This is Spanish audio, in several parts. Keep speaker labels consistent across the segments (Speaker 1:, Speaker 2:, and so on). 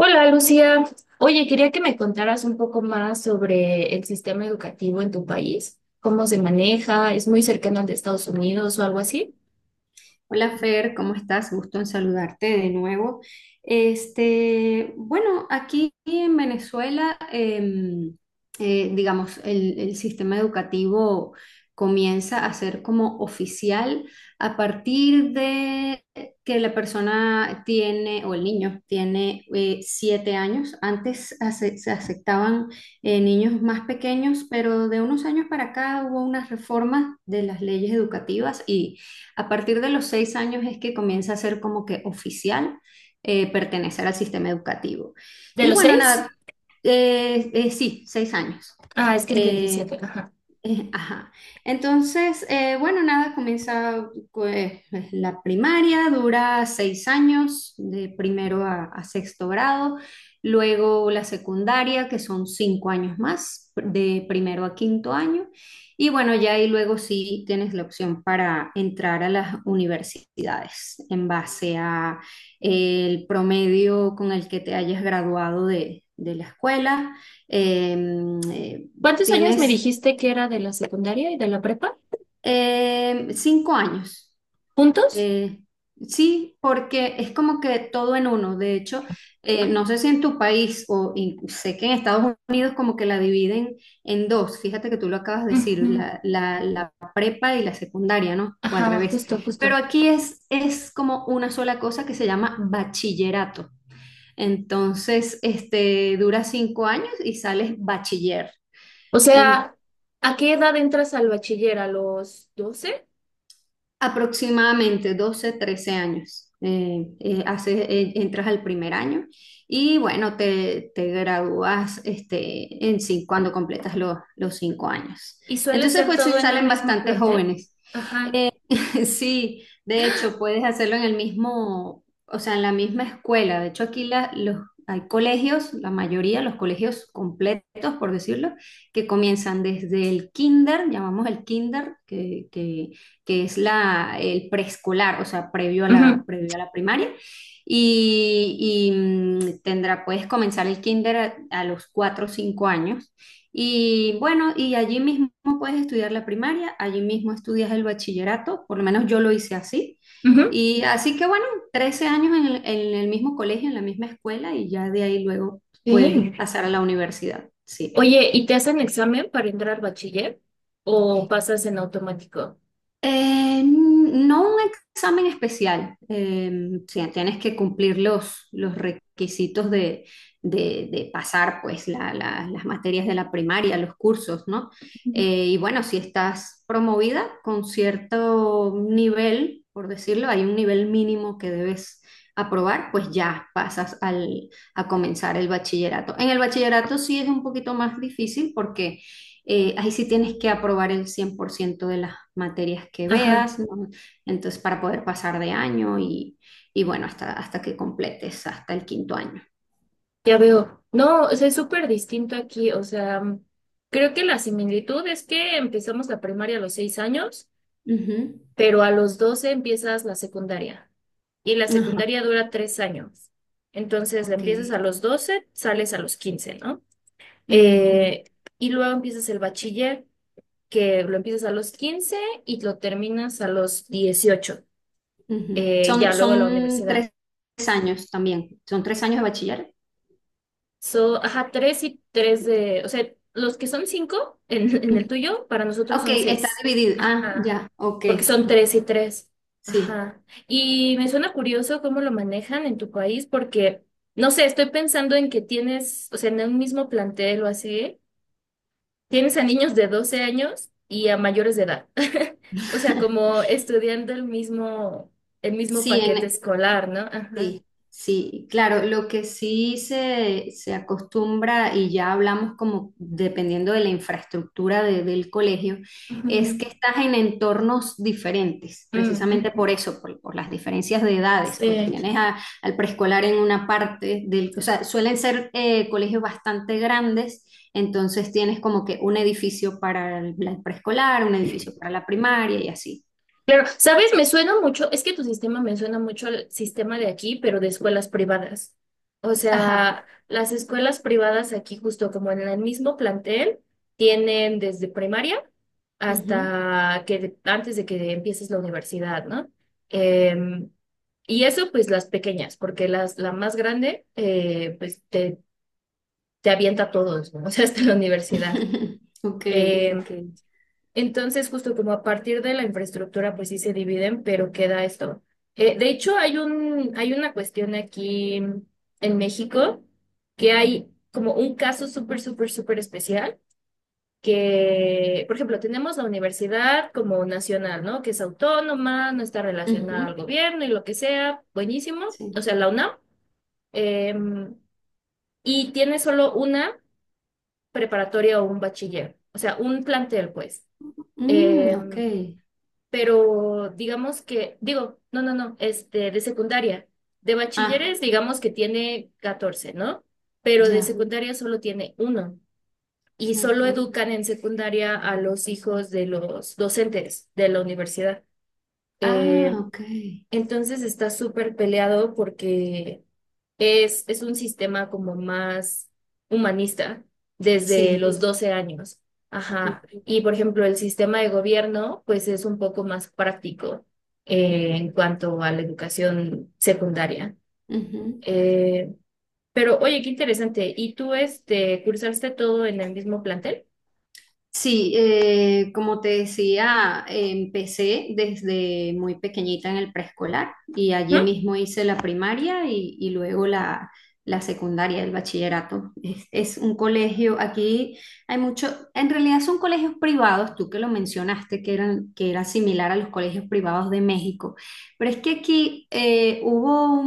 Speaker 1: Hola Lucía, oye, quería que me contaras un poco más sobre el sistema educativo en tu país, cómo se maneja, ¿es muy cercano al de Estados Unidos o algo así?
Speaker 2: Hola Fer, ¿cómo estás? Gusto en saludarte de nuevo. Este, bueno, aquí en Venezuela, digamos, el sistema educativo comienza a ser como oficial a partir de que la persona tiene, o el niño tiene 7 años. Antes se aceptaban niños más pequeños, pero de unos años para acá hubo unas reformas de las leyes educativas y a partir de los 6 años es que comienza a ser como que oficial pertenecer al sistema educativo.
Speaker 1: ¿De
Speaker 2: Y
Speaker 1: los
Speaker 2: bueno, nada,
Speaker 1: seis?
Speaker 2: sí, 6 años.
Speaker 1: Ah, es que el
Speaker 2: Eh,
Speaker 1: 27, ajá.
Speaker 2: Ajá. Entonces, bueno, nada, comienza pues, la primaria, dura 6 años, de primero a sexto grado, luego la secundaria, que son 5 años más, de primero a quinto año, y bueno, ya ahí luego sí tienes la opción para entrar a las universidades en base a el promedio con el que te hayas graduado de la escuela. Em, eh,
Speaker 1: ¿Cuántos años me
Speaker 2: tienes
Speaker 1: dijiste que era de la secundaria y de la prepa?
Speaker 2: 5 años.
Speaker 1: ¿Juntos?
Speaker 2: Eh, sí, porque es como que todo en uno. De hecho, no sé si en tu país o sé que en Estados Unidos como que la dividen en dos. Fíjate que tú lo acabas de decir,
Speaker 1: Ujú.
Speaker 2: la prepa y la secundaria, ¿no? O al
Speaker 1: Ajá,
Speaker 2: revés.
Speaker 1: justo,
Speaker 2: Pero
Speaker 1: justo.
Speaker 2: aquí es como una sola cosa que se llama bachillerato. Entonces, este, dura 5 años y sales bachiller.
Speaker 1: O sea, ¿a qué edad entras al bachiller? ¿A los doce?
Speaker 2: Aproximadamente 12 13 años. Entras al primer año y bueno, te gradúas este, cuando completas los 5 años.
Speaker 1: ¿Y suele
Speaker 2: Entonces,
Speaker 1: ser
Speaker 2: pues se
Speaker 1: todo en un
Speaker 2: salen
Speaker 1: mismo
Speaker 2: bastante
Speaker 1: plantel?
Speaker 2: jóvenes.
Speaker 1: Ajá.
Speaker 2: Sí, de hecho, puedes hacerlo en el mismo, o sea, en la misma escuela. De hecho, aquí los, hay colegios, la mayoría, los colegios completos, por decirlo, que comienzan desde el kinder, llamamos el kinder, que es la, el preescolar, o sea,
Speaker 1: Ujú,
Speaker 2: previo a la primaria. Tendrá, puedes comenzar el kinder a los 4 o 5 años y bueno, y allí mismo puedes estudiar la primaria, allí mismo estudias el bachillerato, por lo menos yo lo hice así.
Speaker 1: ujú.
Speaker 2: Y así que bueno, 13 años en en el mismo colegio, en la misma escuela, y ya de ahí luego puedes
Speaker 1: Sí.
Speaker 2: pasar a la universidad. Sí.
Speaker 1: Oye, ¿y te hacen examen para entrar bachiller? ¿O pasas en automático?
Speaker 2: No un examen especial, sí, tienes que cumplir los requisitos de pasar pues las materias de la primaria, los cursos, ¿no?
Speaker 1: Ujú.
Speaker 2: Y bueno, si estás promovida con cierto nivel, por decirlo, hay un nivel mínimo que debes aprobar, pues ya pasas al, a comenzar el bachillerato. En el bachillerato sí es un poquito más difícil porque ahí sí tienes que aprobar el 100% de las materias que
Speaker 1: Ajá,
Speaker 2: veas, ¿no? Entonces, para poder pasar de año y bueno, hasta que completes, hasta el quinto año.
Speaker 1: ya veo. No, o sea, es súper distinto aquí. O sea, creo que la similitud es que empezamos la primaria a los 6 años,
Speaker 2: Ujú.
Speaker 1: pero a los 12 empiezas la secundaria y la
Speaker 2: Ajá,
Speaker 1: secundaria dura 3 años. Entonces la
Speaker 2: ok.
Speaker 1: empiezas a los 12, sales a los 15, ¿no?
Speaker 2: Ujú,
Speaker 1: Eh, y luego empiezas el bachiller, que lo empiezas a los 15 y lo terminas a los 18.
Speaker 2: ujú.
Speaker 1: Ya luego la
Speaker 2: Son
Speaker 1: universidad.
Speaker 2: 3 años también, son 3 años de bachiller.
Speaker 1: So, ajá, tres y tres de, o sea, los que son cinco en el
Speaker 2: Ujú.
Speaker 1: tuyo, para nosotros
Speaker 2: Ok,
Speaker 1: son
Speaker 2: está
Speaker 1: seis.
Speaker 2: dividido. Ah,
Speaker 1: Ajá,
Speaker 2: ya, ok.
Speaker 1: porque son tres y tres.
Speaker 2: Sí.
Speaker 1: Ajá. Y me suena curioso cómo lo manejan en tu país, porque, no sé, estoy pensando en que tienes, o sea, en un mismo plantel o así, tienes a niños de 12 años y a mayores de edad. O sea, como estudiando el mismo
Speaker 2: Sí,
Speaker 1: paquete
Speaker 2: en,
Speaker 1: escolar, ¿no? Ajá.
Speaker 2: Sí, sí, claro, lo que sí se acostumbra, y ya hablamos como dependiendo de la infraestructura de- del colegio, es que
Speaker 1: Ujú.
Speaker 2: estás en entornos diferentes,
Speaker 1: Mm,
Speaker 2: precisamente por
Speaker 1: ujú.
Speaker 2: eso, por las diferencias de edades, pues
Speaker 1: Sí.
Speaker 2: tienes al preescolar en una parte del, o sea, suelen ser colegios bastante grandes, entonces tienes como que un edificio para el preescolar, un edificio para la primaria y así.
Speaker 1: Claro, ¿sabes? Me suena mucho, es que tu sistema me suena mucho al sistema de aquí, pero de escuelas privadas. O
Speaker 2: Ajá.
Speaker 1: sea, las escuelas privadas aquí, justo como en el mismo plantel, tienen desde primaria
Speaker 2: Ujú.
Speaker 1: hasta que de- antes de que empieces la universidad, ¿no? Em, y eso, pues las pequeñas, porque la más grande, pues te avienta a todos, ¿no? O sea, hasta la universidad.
Speaker 2: Ok,
Speaker 1: Em,
Speaker 2: ok.
Speaker 1: entonces, justo como a partir de la infraestructura, pues sí se dividen, pero queda esto. De hecho, hay una cuestión aquí en México que hay como un caso súper, súper, súper especial que, por ejemplo, tenemos la universidad como nacional, ¿no? Que es autónoma, no está relacionada
Speaker 2: Ujú,
Speaker 1: al gobierno y lo que sea, buenísimo,
Speaker 2: sí.
Speaker 1: o sea, la UNAM. em, y tiene solo una preparatoria o un bachiller, o sea, un plantel, pues.
Speaker 2: Mm, ok.
Speaker 1: Em, pero digamos que, digo, no, no, no, este, de secundaria. De
Speaker 2: Ah,
Speaker 1: bachilleres, digamos que tiene 14, ¿no? Pero de
Speaker 2: ya.
Speaker 1: secundaria solo tiene uno. Y
Speaker 2: Ok.
Speaker 1: solo educan en secundaria a los hijos de los docentes de la universidad.
Speaker 2: Ah,
Speaker 1: Eh,
Speaker 2: ok.
Speaker 1: entonces está súper peleado porque es un sistema como más humanista desde
Speaker 2: Sí.
Speaker 1: los 12 años. Ajá. Y por ejemplo, el sistema de gobierno, pues es un poco más práctico
Speaker 2: Ujú,
Speaker 1: en cuanto a la educación secundaria.
Speaker 2: ujú.
Speaker 1: Eh, pero oye, qué interesante. ¿Y tú este, cursaste todo en el mismo plantel?
Speaker 2: Sí, como te decía, empecé desde muy pequeñita en el preescolar y allí
Speaker 1: ¿Mm?
Speaker 2: mismo hice la primaria y luego la secundaria, el bachillerato. Es un colegio, aquí hay mucho, en realidad son colegios privados, tú que lo mencionaste, que eran, que era similar a los colegios privados de México, pero es que aquí hubo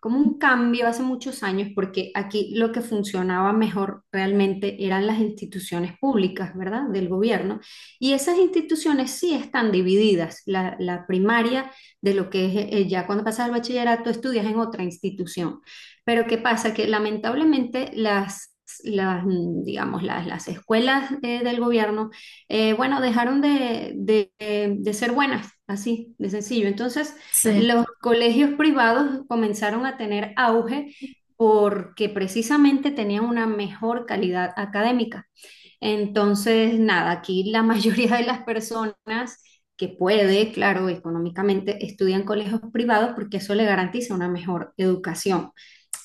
Speaker 2: como un cambio hace muchos años, porque aquí lo que funcionaba mejor realmente eran las instituciones públicas, ¿verdad? Del gobierno. Y esas instituciones sí están divididas. La primaria de lo que es ya cuando pasas al bachillerato estudias en otra institución. Pero ¿qué pasa? Que lamentablemente las... Digamos, las escuelas del gobierno, bueno, dejaron de ser buenas, así de sencillo. Entonces,
Speaker 1: Sí.
Speaker 2: los colegios privados comenzaron a tener auge porque precisamente tenían una mejor calidad académica. Entonces, nada, aquí la mayoría de las personas que puede, claro, económicamente, estudian colegios privados porque eso le garantiza una mejor educación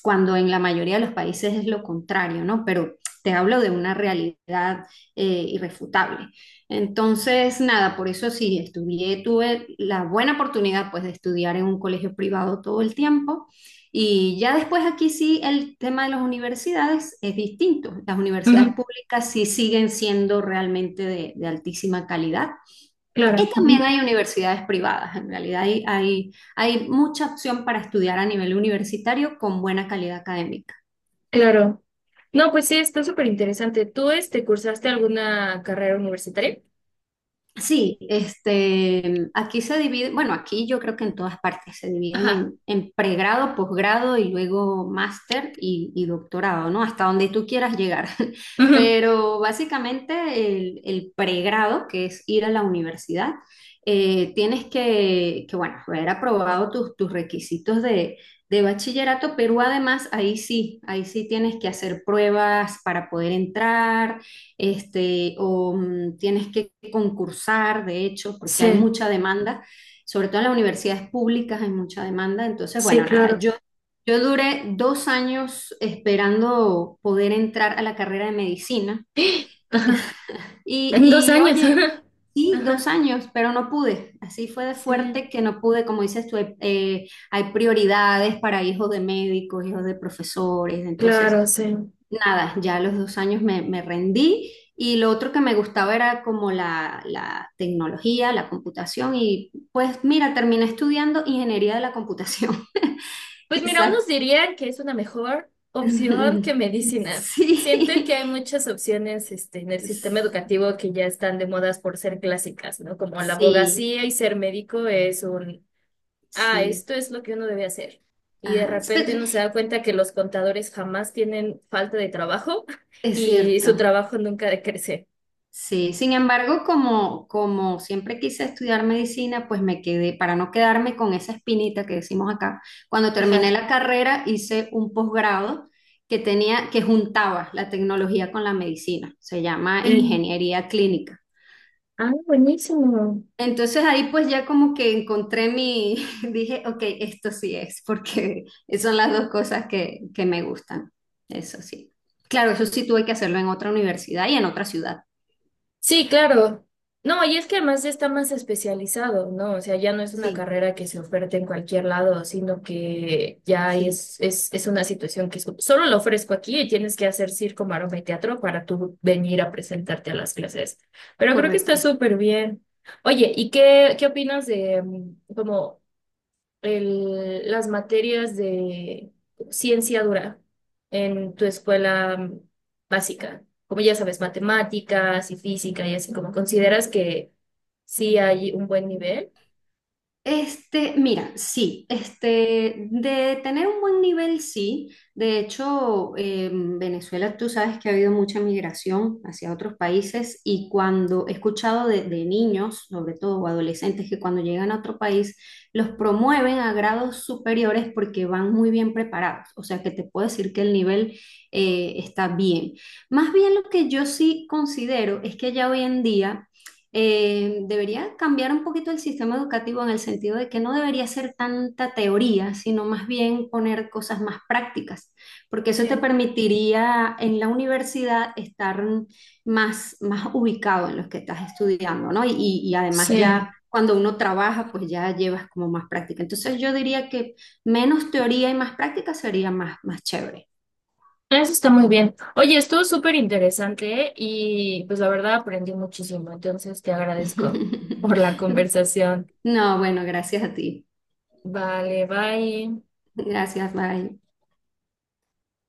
Speaker 2: cuando en la mayoría de los países es lo contrario, ¿no? Pero te hablo de una realidad eh, irrefutable. Entonces, nada, por eso sí, estudié, tuve la buena oportunidad pues de estudiar en un colegio privado todo el tiempo y ya después aquí sí el tema de las universidades es distinto. Las universidades
Speaker 1: Ujú.
Speaker 2: públicas sí siguen siendo realmente de altísima calidad y
Speaker 1: Claro,
Speaker 2: también
Speaker 1: ujú,
Speaker 2: hay universidades privadas, en realidad hay mucha opción para estudiar a nivel universitario con buena calidad académica.
Speaker 1: claro. No, pues sí, está súper interesante. ¿Tú este, cursaste alguna carrera universitaria?
Speaker 2: Sí, este, aquí se divide, bueno, aquí yo creo que en todas partes se dividen
Speaker 1: Ajá.
Speaker 2: en pregrado, posgrado y luego máster y doctorado, ¿no? Hasta donde tú quieras llegar.
Speaker 1: Ujú.
Speaker 2: Pero básicamente el pregrado, que es ir a la universidad, tienes que, bueno, haber aprobado tus requisitos de bachillerato, pero además ahí sí tienes que hacer pruebas para poder entrar este, tienes que concursar, de hecho, porque hay
Speaker 1: Sí,
Speaker 2: mucha demanda, sobre todo en las universidades públicas hay mucha demanda. Entonces,
Speaker 1: sí,
Speaker 2: bueno, nada,
Speaker 1: claro.
Speaker 2: yo duré 2 años esperando poder entrar a la carrera de medicina
Speaker 1: Ajá. En dos
Speaker 2: y
Speaker 1: años.
Speaker 2: oye, sí, dos
Speaker 1: Ajá.
Speaker 2: años, pero no pude. Así fue de
Speaker 1: Sí,
Speaker 2: fuerte que no pude, como dices tú, hay hay prioridades para hijos de médicos, hijos de profesores, entonces...
Speaker 1: claro, sí.
Speaker 2: Nada, ya a los 2 años me rendí y lo otro que me gustaba era como la tecnología, la computación y pues mira, terminé estudiando ingeniería de la computación.
Speaker 1: Pues mira,
Speaker 2: Quizás.
Speaker 1: unos dirían que es una mejor opción que medicina. Siento
Speaker 2: Sí,
Speaker 1: que hay muchas opciones, este, en el sistema educativo que ya están de modas por ser clásicas, ¿no? Como la
Speaker 2: sí,
Speaker 1: abogacía y ser médico es un, ah,
Speaker 2: sí.
Speaker 1: esto es lo que uno debe hacer. Y de
Speaker 2: Ajá.
Speaker 1: repente
Speaker 2: Espe-
Speaker 1: uno se da cuenta que los contadores jamás tienen falta de trabajo
Speaker 2: Es
Speaker 1: y su
Speaker 2: cierto.
Speaker 1: trabajo nunca decrece.
Speaker 2: Sí, sin embargo, como siempre quise estudiar medicina, pues me quedé, para no quedarme con esa espinita que decimos acá, cuando terminé
Speaker 1: Ajá.
Speaker 2: la carrera hice un posgrado que tenía, que juntaba la tecnología con la medicina, se llama
Speaker 1: Mm.
Speaker 2: ingeniería clínica.
Speaker 1: Ah, buenísimo.
Speaker 2: Entonces ahí pues ya como que encontré mi, dije, ok, esto sí es, porque son las dos cosas que me gustan, eso sí. Claro, eso sí tuve que hacerlo en otra universidad y en otra ciudad.
Speaker 1: Sí, claro. No, y es que además está más especializado, ¿no? O sea, ya no es una
Speaker 2: Sí,
Speaker 1: carrera que se oferte en cualquier lado, sino que ya
Speaker 2: sí,
Speaker 1: es una situación que solo lo ofrezco aquí y tienes que hacer circo, maroma y teatro para tú venir a presentarte a las clases. Pero creo que está
Speaker 2: correcto.
Speaker 1: súper bien. Oye, ¿y qué, qué opinas de como las materias de ciencia dura en tu escuela básica, como ya sabes, matemáticas y física y así, como consideras que sí hay un buen nivel?
Speaker 2: Este, mira, sí, este, de tener un buen nivel, sí. De hecho, Venezuela, tú sabes que ha habido mucha migración hacia otros países y cuando he escuchado de niños, sobre todo o adolescentes, que cuando llegan a otro país los promueven a grados superiores porque van muy bien preparados. O sea, que te puedo decir que el nivel está bien. Más bien lo que yo sí considero es que ya hoy en día debería cambiar un poquito el sistema educativo en el sentido de que no debería ser tanta teoría, sino más bien poner cosas más prácticas, porque eso te
Speaker 1: Sí.
Speaker 2: permitiría en la universidad estar más, más ubicado en lo que estás estudiando, ¿no? Y además
Speaker 1: Sí,
Speaker 2: ya cuando uno trabaja, pues ya llevas como más práctica. Entonces yo diría que menos teoría y más práctica sería más, más chévere.
Speaker 1: eso está muy bien. Oye, estuvo súper interesante y pues la verdad aprendí muchísimo, entonces te agradezco por la conversación.
Speaker 2: No, bueno, gracias a ti.
Speaker 1: Vale, bye.
Speaker 2: Gracias, bye.